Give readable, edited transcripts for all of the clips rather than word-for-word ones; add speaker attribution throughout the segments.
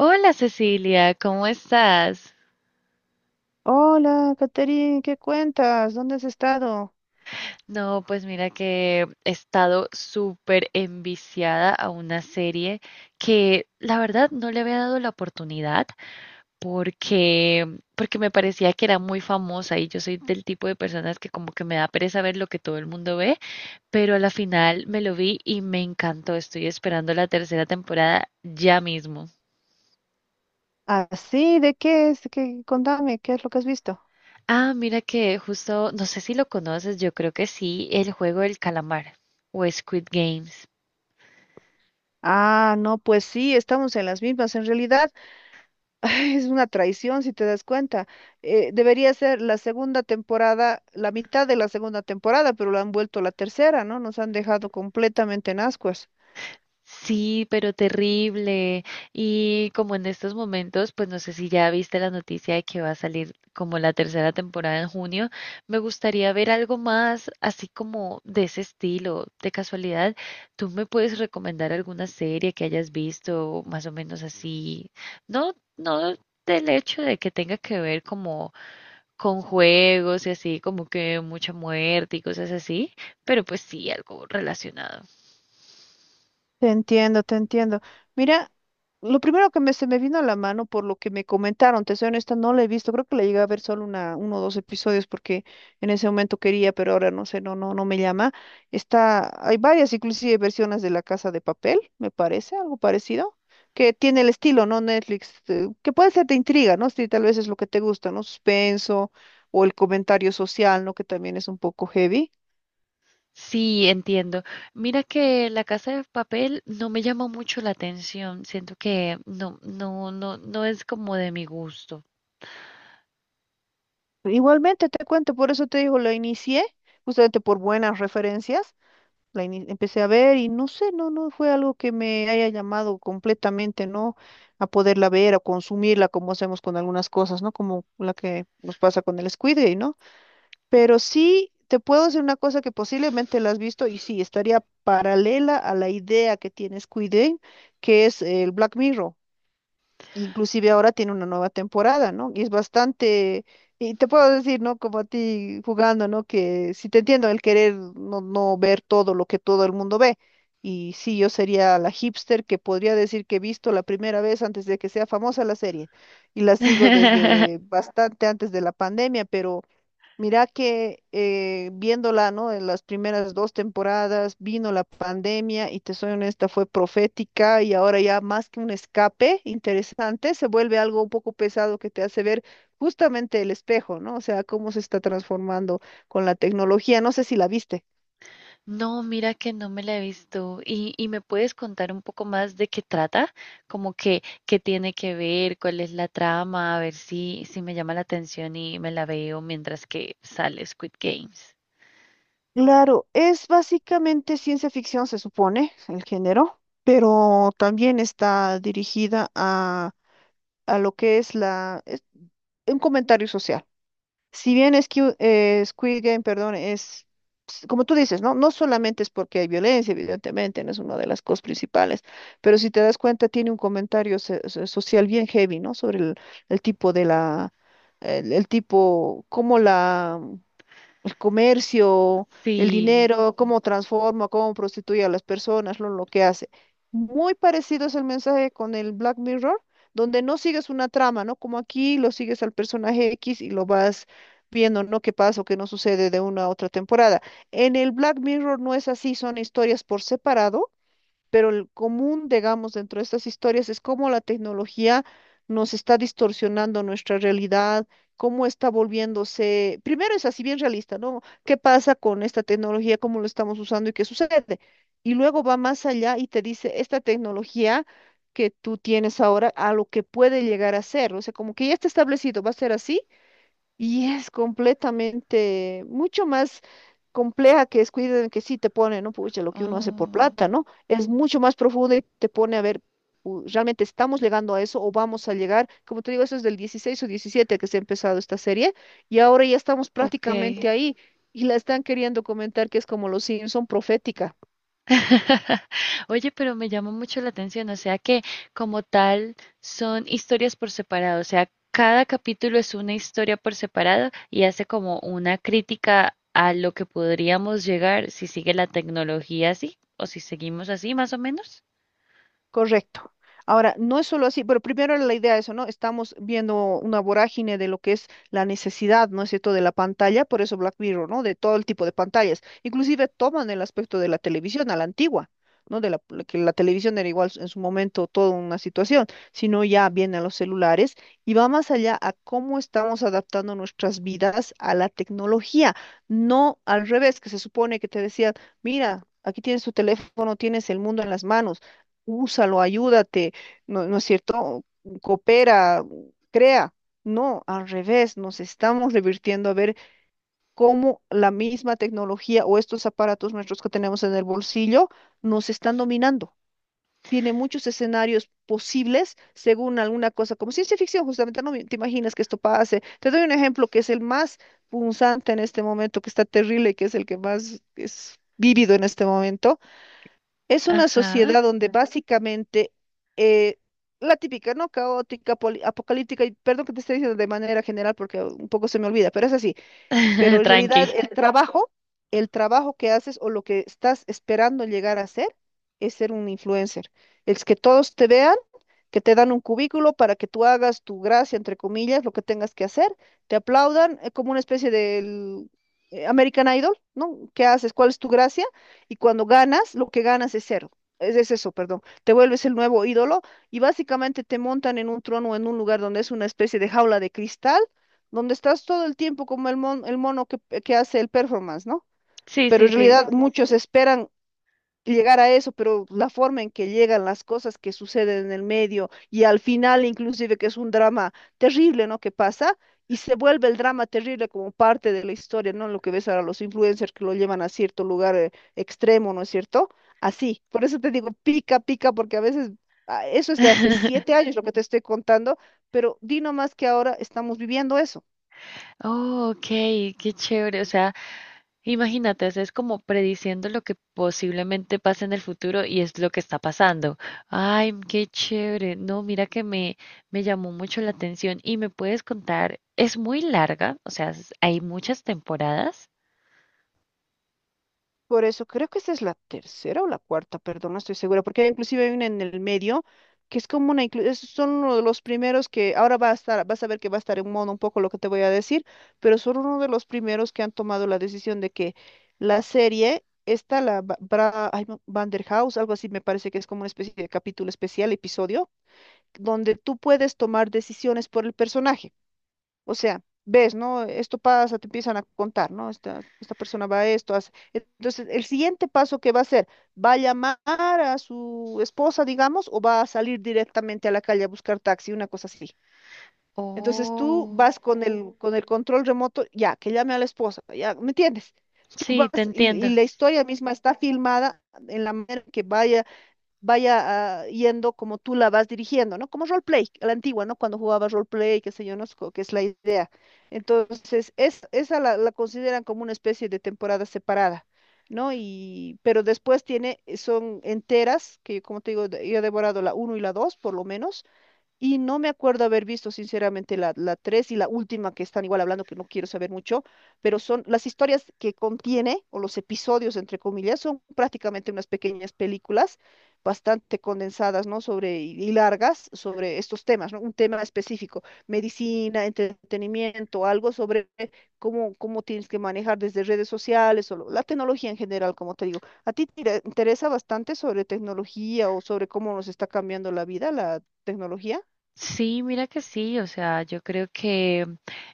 Speaker 1: Hola Cecilia, ¿cómo estás?
Speaker 2: Hola, Caterine, ¿qué cuentas? ¿Dónde has estado?
Speaker 1: No, pues mira que he estado súper enviciada a una serie que la verdad no le había dado la oportunidad porque, porque me parecía que era muy famosa y yo soy del tipo de personas que como que me da pereza ver lo que todo el mundo ve, pero a la final me lo vi y me encantó. Estoy esperando la tercera temporada ya mismo.
Speaker 2: Ah, sí, ¿de qué es? ¿Qué? Contame, ¿qué es lo que has visto?
Speaker 1: Ah, mira que justo, no sé si lo conoces, yo creo que sí, el juego del calamar o Squid Games.
Speaker 2: Ah, no, pues sí, estamos en las mismas. En realidad, ay, es una traición si te das cuenta. Debería ser la segunda temporada, la mitad de la segunda temporada, pero lo han vuelto la tercera, ¿no? Nos han dejado completamente en ascuas.
Speaker 1: Sí, pero terrible. Y como en estos momentos, pues no sé si ya viste la noticia de que va a salir como la tercera temporada en junio, me gustaría ver algo más así como de ese estilo. De casualidad, ¿tú me puedes recomendar alguna serie que hayas visto más o menos así? No, no del hecho de que tenga que ver como con juegos y así, como que mucha muerte y cosas así, pero pues sí, algo relacionado.
Speaker 2: Te entiendo, te entiendo. Mira, lo primero que se me vino a la mano por lo que me comentaron, te soy honesta, no la he visto, creo que la llegué a ver solo uno o dos episodios porque en ese momento quería, pero ahora no sé, no, no, no me llama. Hay varias inclusive versiones de La Casa de Papel, me parece, algo parecido, que tiene el estilo, ¿no? Netflix, que puede ser de intriga, ¿no? Si tal vez es lo que te gusta, ¿no? Suspenso o el comentario social, ¿no? Que también es un poco heavy.
Speaker 1: Sí, entiendo. Mira que La Casa de Papel no me llama mucho la atención, siento que no, no es como de mi gusto.
Speaker 2: Igualmente te cuento, por eso te digo, la inicié, justamente por buenas referencias, empecé a ver y no sé, no, no fue algo que me haya llamado completamente, ¿no? A poderla ver, a consumirla, como hacemos con algunas cosas, ¿no? Como la que nos pasa con el Squid Game, ¿no? Pero sí te puedo decir una cosa que posiblemente la has visto y sí, estaría paralela a la idea que tiene Squid Game, que es el Black Mirror. Inclusive ahora tiene una nueva temporada, ¿no? Y es bastante, y te puedo decir, ¿no? Como a ti jugando, ¿no? Que si te entiendo el querer no, no ver todo lo que todo el mundo ve. Y sí, yo sería la hipster que podría decir que he visto la primera vez antes de que sea famosa la serie. Y la sigo desde bastante antes de la pandemia, pero mira que viéndola, ¿no? En las primeras dos temporadas vino la pandemia y te soy honesta, fue profética y ahora ya más que un escape interesante, se vuelve algo un poco pesado que te hace ver justamente el espejo, ¿no? O sea, cómo se está transformando con la tecnología. No sé si la viste.
Speaker 1: No, mira que no me la he visto. Y me puedes contar un poco más de qué trata? Como que, qué tiene que ver, cuál es la trama, a ver si, si me llama la atención y me la veo mientras que sale Squid Games.
Speaker 2: Claro, es básicamente ciencia ficción, se supone, el género, pero también está dirigida a, a lo que es un comentario social. Si bien es que Squid Game, perdón, como tú dices, ¿no? No solamente es porque hay violencia, evidentemente, no es una de las cosas principales, pero si te das cuenta, tiene un comentario social bien heavy, ¿no? Sobre el tipo de la, el tipo, cómo la el comercio, el
Speaker 1: Sí.
Speaker 2: dinero, cómo transforma, cómo prostituye a las personas, lo que hace. Muy parecido es el mensaje con el Black Mirror, donde no sigues una trama, ¿no? Como aquí lo sigues al personaje X y lo vas viendo, ¿no? Qué pasa o qué no sucede de una a otra temporada. En el Black Mirror no es así, son historias por separado pero el común, digamos, dentro de estas historias es cómo la tecnología nos está distorsionando nuestra realidad, cómo está volviéndose, primero es así bien realista, ¿no? ¿Qué pasa con esta tecnología, cómo lo estamos usando y qué sucede? Y luego va más allá y te dice, esta tecnología que tú tienes ahora a lo que puede llegar a ser, o sea, como que ya está establecido, va a ser así y es completamente, mucho más compleja que es cuiden que sí te pone, ¿no? Pucha, lo que uno hace por
Speaker 1: Oh,
Speaker 2: plata, ¿no? Es mucho más profunda y te pone a ver, ¿realmente estamos llegando a eso o vamos a llegar? Como te digo, eso es del 16 o 17 que se ha empezado esta serie y ahora ya estamos
Speaker 1: ok.
Speaker 2: prácticamente ahí y la están queriendo comentar que es como los Simpson profética.
Speaker 1: Oye, pero me llama mucho la atención, o sea que como tal son historias por separado, o sea, cada capítulo es una historia por separado y hace como una crítica a lo que podríamos llegar si sigue la tecnología así o si seguimos así más o menos.
Speaker 2: Correcto. Ahora, no es solo así, pero primero la idea es eso, ¿no? Estamos viendo una vorágine de lo que es la necesidad, ¿no es cierto?, de la pantalla, por eso Black Mirror, ¿no? De todo el tipo de pantallas. Inclusive toman el aspecto de la televisión a la antigua, ¿no? De la, la que la televisión era igual en su momento toda una situación, sino ya vienen los celulares y va más allá a cómo estamos adaptando nuestras vidas a la tecnología, no al revés, que se supone que te decían, mira, aquí tienes tu teléfono, tienes el mundo en las manos, úsalo, ayúdate, ¿no, no es cierto? Coopera, crea. No, al revés, nos estamos revirtiendo a ver cómo la misma tecnología o estos aparatos nuestros que tenemos en el bolsillo nos están dominando. Tiene muchos escenarios posibles según alguna cosa, como ciencia ficción, justamente no te imaginas que esto pase. Te doy un ejemplo que es el más punzante en este momento, que está terrible, que es el que más es vívido en este momento es una
Speaker 1: Ajá.
Speaker 2: sociedad donde básicamente eh, la típica, ¿no? Caótica, apocalíptica, y perdón que te esté diciendo de manera general porque un poco se me olvida, pero es así. Pero en
Speaker 1: Tranqui.
Speaker 2: realidad el trabajo que haces o lo que estás esperando llegar a hacer es ser un influencer. Es que todos te vean, que te dan un cubículo para que tú hagas tu gracia, entre comillas, lo que tengas que hacer, te aplaudan, como una especie del American Idol, ¿no? ¿Qué haces? ¿Cuál es tu gracia? Y cuando ganas, lo que ganas es cero. Es eso, perdón. Te vuelves el nuevo ídolo y básicamente te montan en un trono o en un lugar donde es una especie de jaula de cristal donde estás todo el tiempo como el, el mono que hace el performance, ¿no?
Speaker 1: Sí,
Speaker 2: Pero
Speaker 1: sí,
Speaker 2: en
Speaker 1: sí.
Speaker 2: realidad, claro, muchos esperan llegar a eso, pero la forma en que llegan las cosas que suceden en el medio y al final inclusive que es un drama terrible, ¿no? Que pasa y se vuelve el drama terrible como parte de la historia, ¿no? Lo que ves ahora los influencers que lo llevan a cierto lugar extremo, ¿no es cierto? Así, por eso te digo, pica, pica, porque a veces eso es de hace siete años lo que te estoy contando, pero di nomás que ahora estamos viviendo eso.
Speaker 1: Oh, ok, qué chévere. O sea, imagínate, o sea, es como prediciendo lo que posiblemente pase en el futuro y es lo que está pasando. Ay, qué chévere. No, mira que me llamó mucho la atención y me puedes contar, es muy larga, o sea, es- hay muchas temporadas.
Speaker 2: Por eso creo que esta es la tercera o la cuarta, perdón, no estoy segura, porque inclusive hay una en el medio que es como una, esos son uno de los primeros que ahora va a estar, vas a ver que va a estar en modo un poco lo que te voy a decir, pero son uno de los primeros que han tomado la decisión de que la serie, esta, la Ba- Bra, ay, no, Banderhaus, algo así me parece que es como una especie de capítulo especial, episodio, donde tú puedes tomar decisiones por el personaje. O sea, ves, ¿no? Esto pasa, te empiezan a contar, ¿no? Esta persona va a esto, hace. Entonces, el siguiente paso que va a hacer, ¿va a llamar a su esposa, digamos, o va a salir directamente a la calle a buscar taxi, una cosa así? Entonces, tú
Speaker 1: Oh,
Speaker 2: vas con el control remoto, ya, que llame a la esposa, ya, ¿me entiendes? Tú
Speaker 1: sí,
Speaker 2: vas
Speaker 1: te
Speaker 2: y
Speaker 1: entiendo.
Speaker 2: la historia misma está filmada en la manera que vaya yendo como tú la vas dirigiendo, ¿no? Como roleplay, a la antigua, ¿no? Cuando jugaba roleplay, qué sé yo, no sé, que es la idea. Entonces, es, esa la, la consideran como una especie de temporada separada, ¿no? Pero después tiene, son enteras, que como te digo, yo he devorado la uno y la 2 por lo menos. Y no me acuerdo haber visto, sinceramente, la 3 y la última que están igual hablando, que no quiero saber mucho, pero son las historias que contiene, o los episodios, entre comillas, son prácticamente unas pequeñas películas bastante condensadas, ¿no? Y largas, sobre estos temas, ¿no? Un tema específico, medicina, entretenimiento, algo sobre cómo, cómo tienes que manejar desde redes sociales o la tecnología en general, como te digo. ¿A ti te interesa bastante sobre tecnología o sobre cómo nos está cambiando la vida, la tecnología?
Speaker 1: Sí, mira que sí, o sea, yo creo que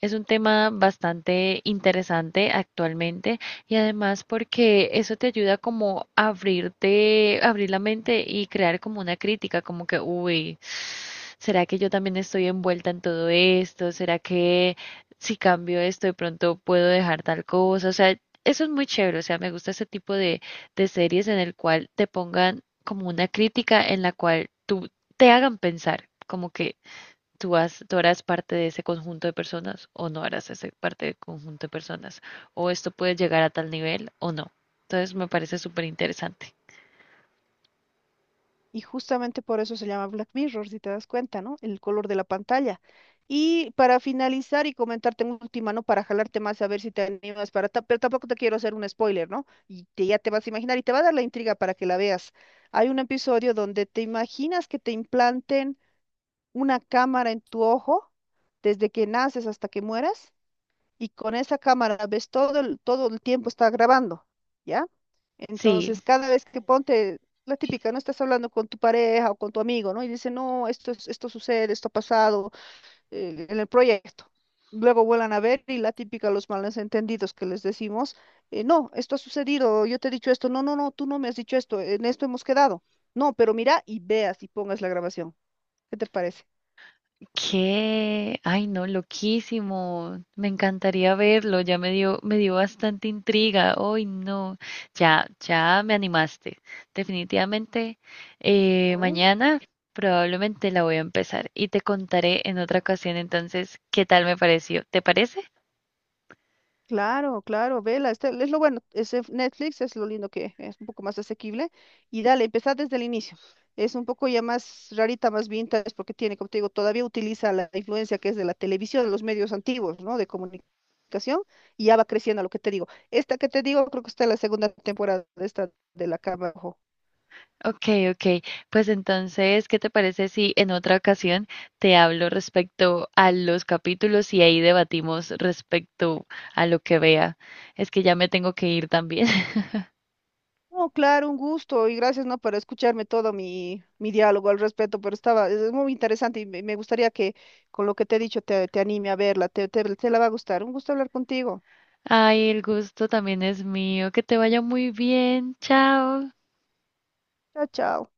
Speaker 1: es un tema bastante interesante actualmente y además porque eso te ayuda como a abrirte, abrir la mente y crear como una crítica, como que, uy, ¿será que yo también estoy envuelta en todo esto? ¿Será que si cambio esto de pronto puedo dejar tal cosa? O sea, eso es muy chévere, o sea, me gusta ese tipo de series en el cual te pongan como una crítica en la cual tú te hagan pensar, como que tú, has- tú harás parte de ese conjunto de personas o no harás ese parte del conjunto de personas, o esto puede llegar a tal nivel o no. Entonces me parece súper interesante.
Speaker 2: Y justamente por eso se llama Black Mirror, si te das cuenta, ¿no? El color de la pantalla. Y para finalizar y comentarte una última, ¿no? Para jalarte más a ver si te animas para... Pero tampoco te quiero hacer un spoiler, ¿no? Y ya te vas a imaginar y te va a dar la intriga para que la veas. Hay un episodio donde te imaginas que te implanten una cámara en tu ojo desde que naces hasta que mueras y con esa cámara ves todo el tiempo está grabando, ¿ya?
Speaker 1: Sí.
Speaker 2: Entonces, cada vez que ponte, la típica, no estás hablando con tu pareja o con tu amigo, ¿no? Y dice, no, esto, esto sucede, esto ha pasado en el proyecto. Luego vuelan a ver y la típica, los malos entendidos que les decimos, no, esto ha sucedido, yo te he dicho esto, no, no, no, tú no me has dicho esto, en esto hemos quedado. No, pero mira y veas y pongas la grabación. ¿Qué te parece?
Speaker 1: ¿Qué? Ay, no, loquísimo. Me encantaría verlo. Ya me dio bastante intriga. Ay, no. Ya, ya me animaste. Definitivamente,
Speaker 2: A ver.
Speaker 1: mañana probablemente la voy a empezar y te contaré en otra ocasión entonces qué tal me pareció. ¿Te parece?
Speaker 2: Claro, claro, vela, este, es lo bueno, es en Netflix es lo lindo que es un poco más asequible y dale, empezá desde el inicio. Es un poco ya más rarita, más vintage, porque tiene, como te digo, todavía utiliza la influencia que es de la televisión, de los medios antiguos, ¿no? De comunicación, y ya va creciendo lo que te digo. Esta que te digo, creo que está en la segunda temporada de esta de La Cama.
Speaker 1: Ok, ok. Pues entonces, ¿qué te parece si en otra ocasión te hablo respecto a los capítulos y ahí debatimos respecto a lo que vea? Es que ya me tengo que ir también.
Speaker 2: No, claro, un gusto y gracias, ¿no? Por escucharme todo mi diálogo al respecto, pero estaba, es muy interesante y me gustaría que con lo que te he dicho te anime a verla, te la va a gustar. Un gusto hablar contigo.
Speaker 1: Ay, el gusto también es mío. Que te
Speaker 2: Mm.
Speaker 1: vaya muy bien. Chao.
Speaker 2: Chao, chao.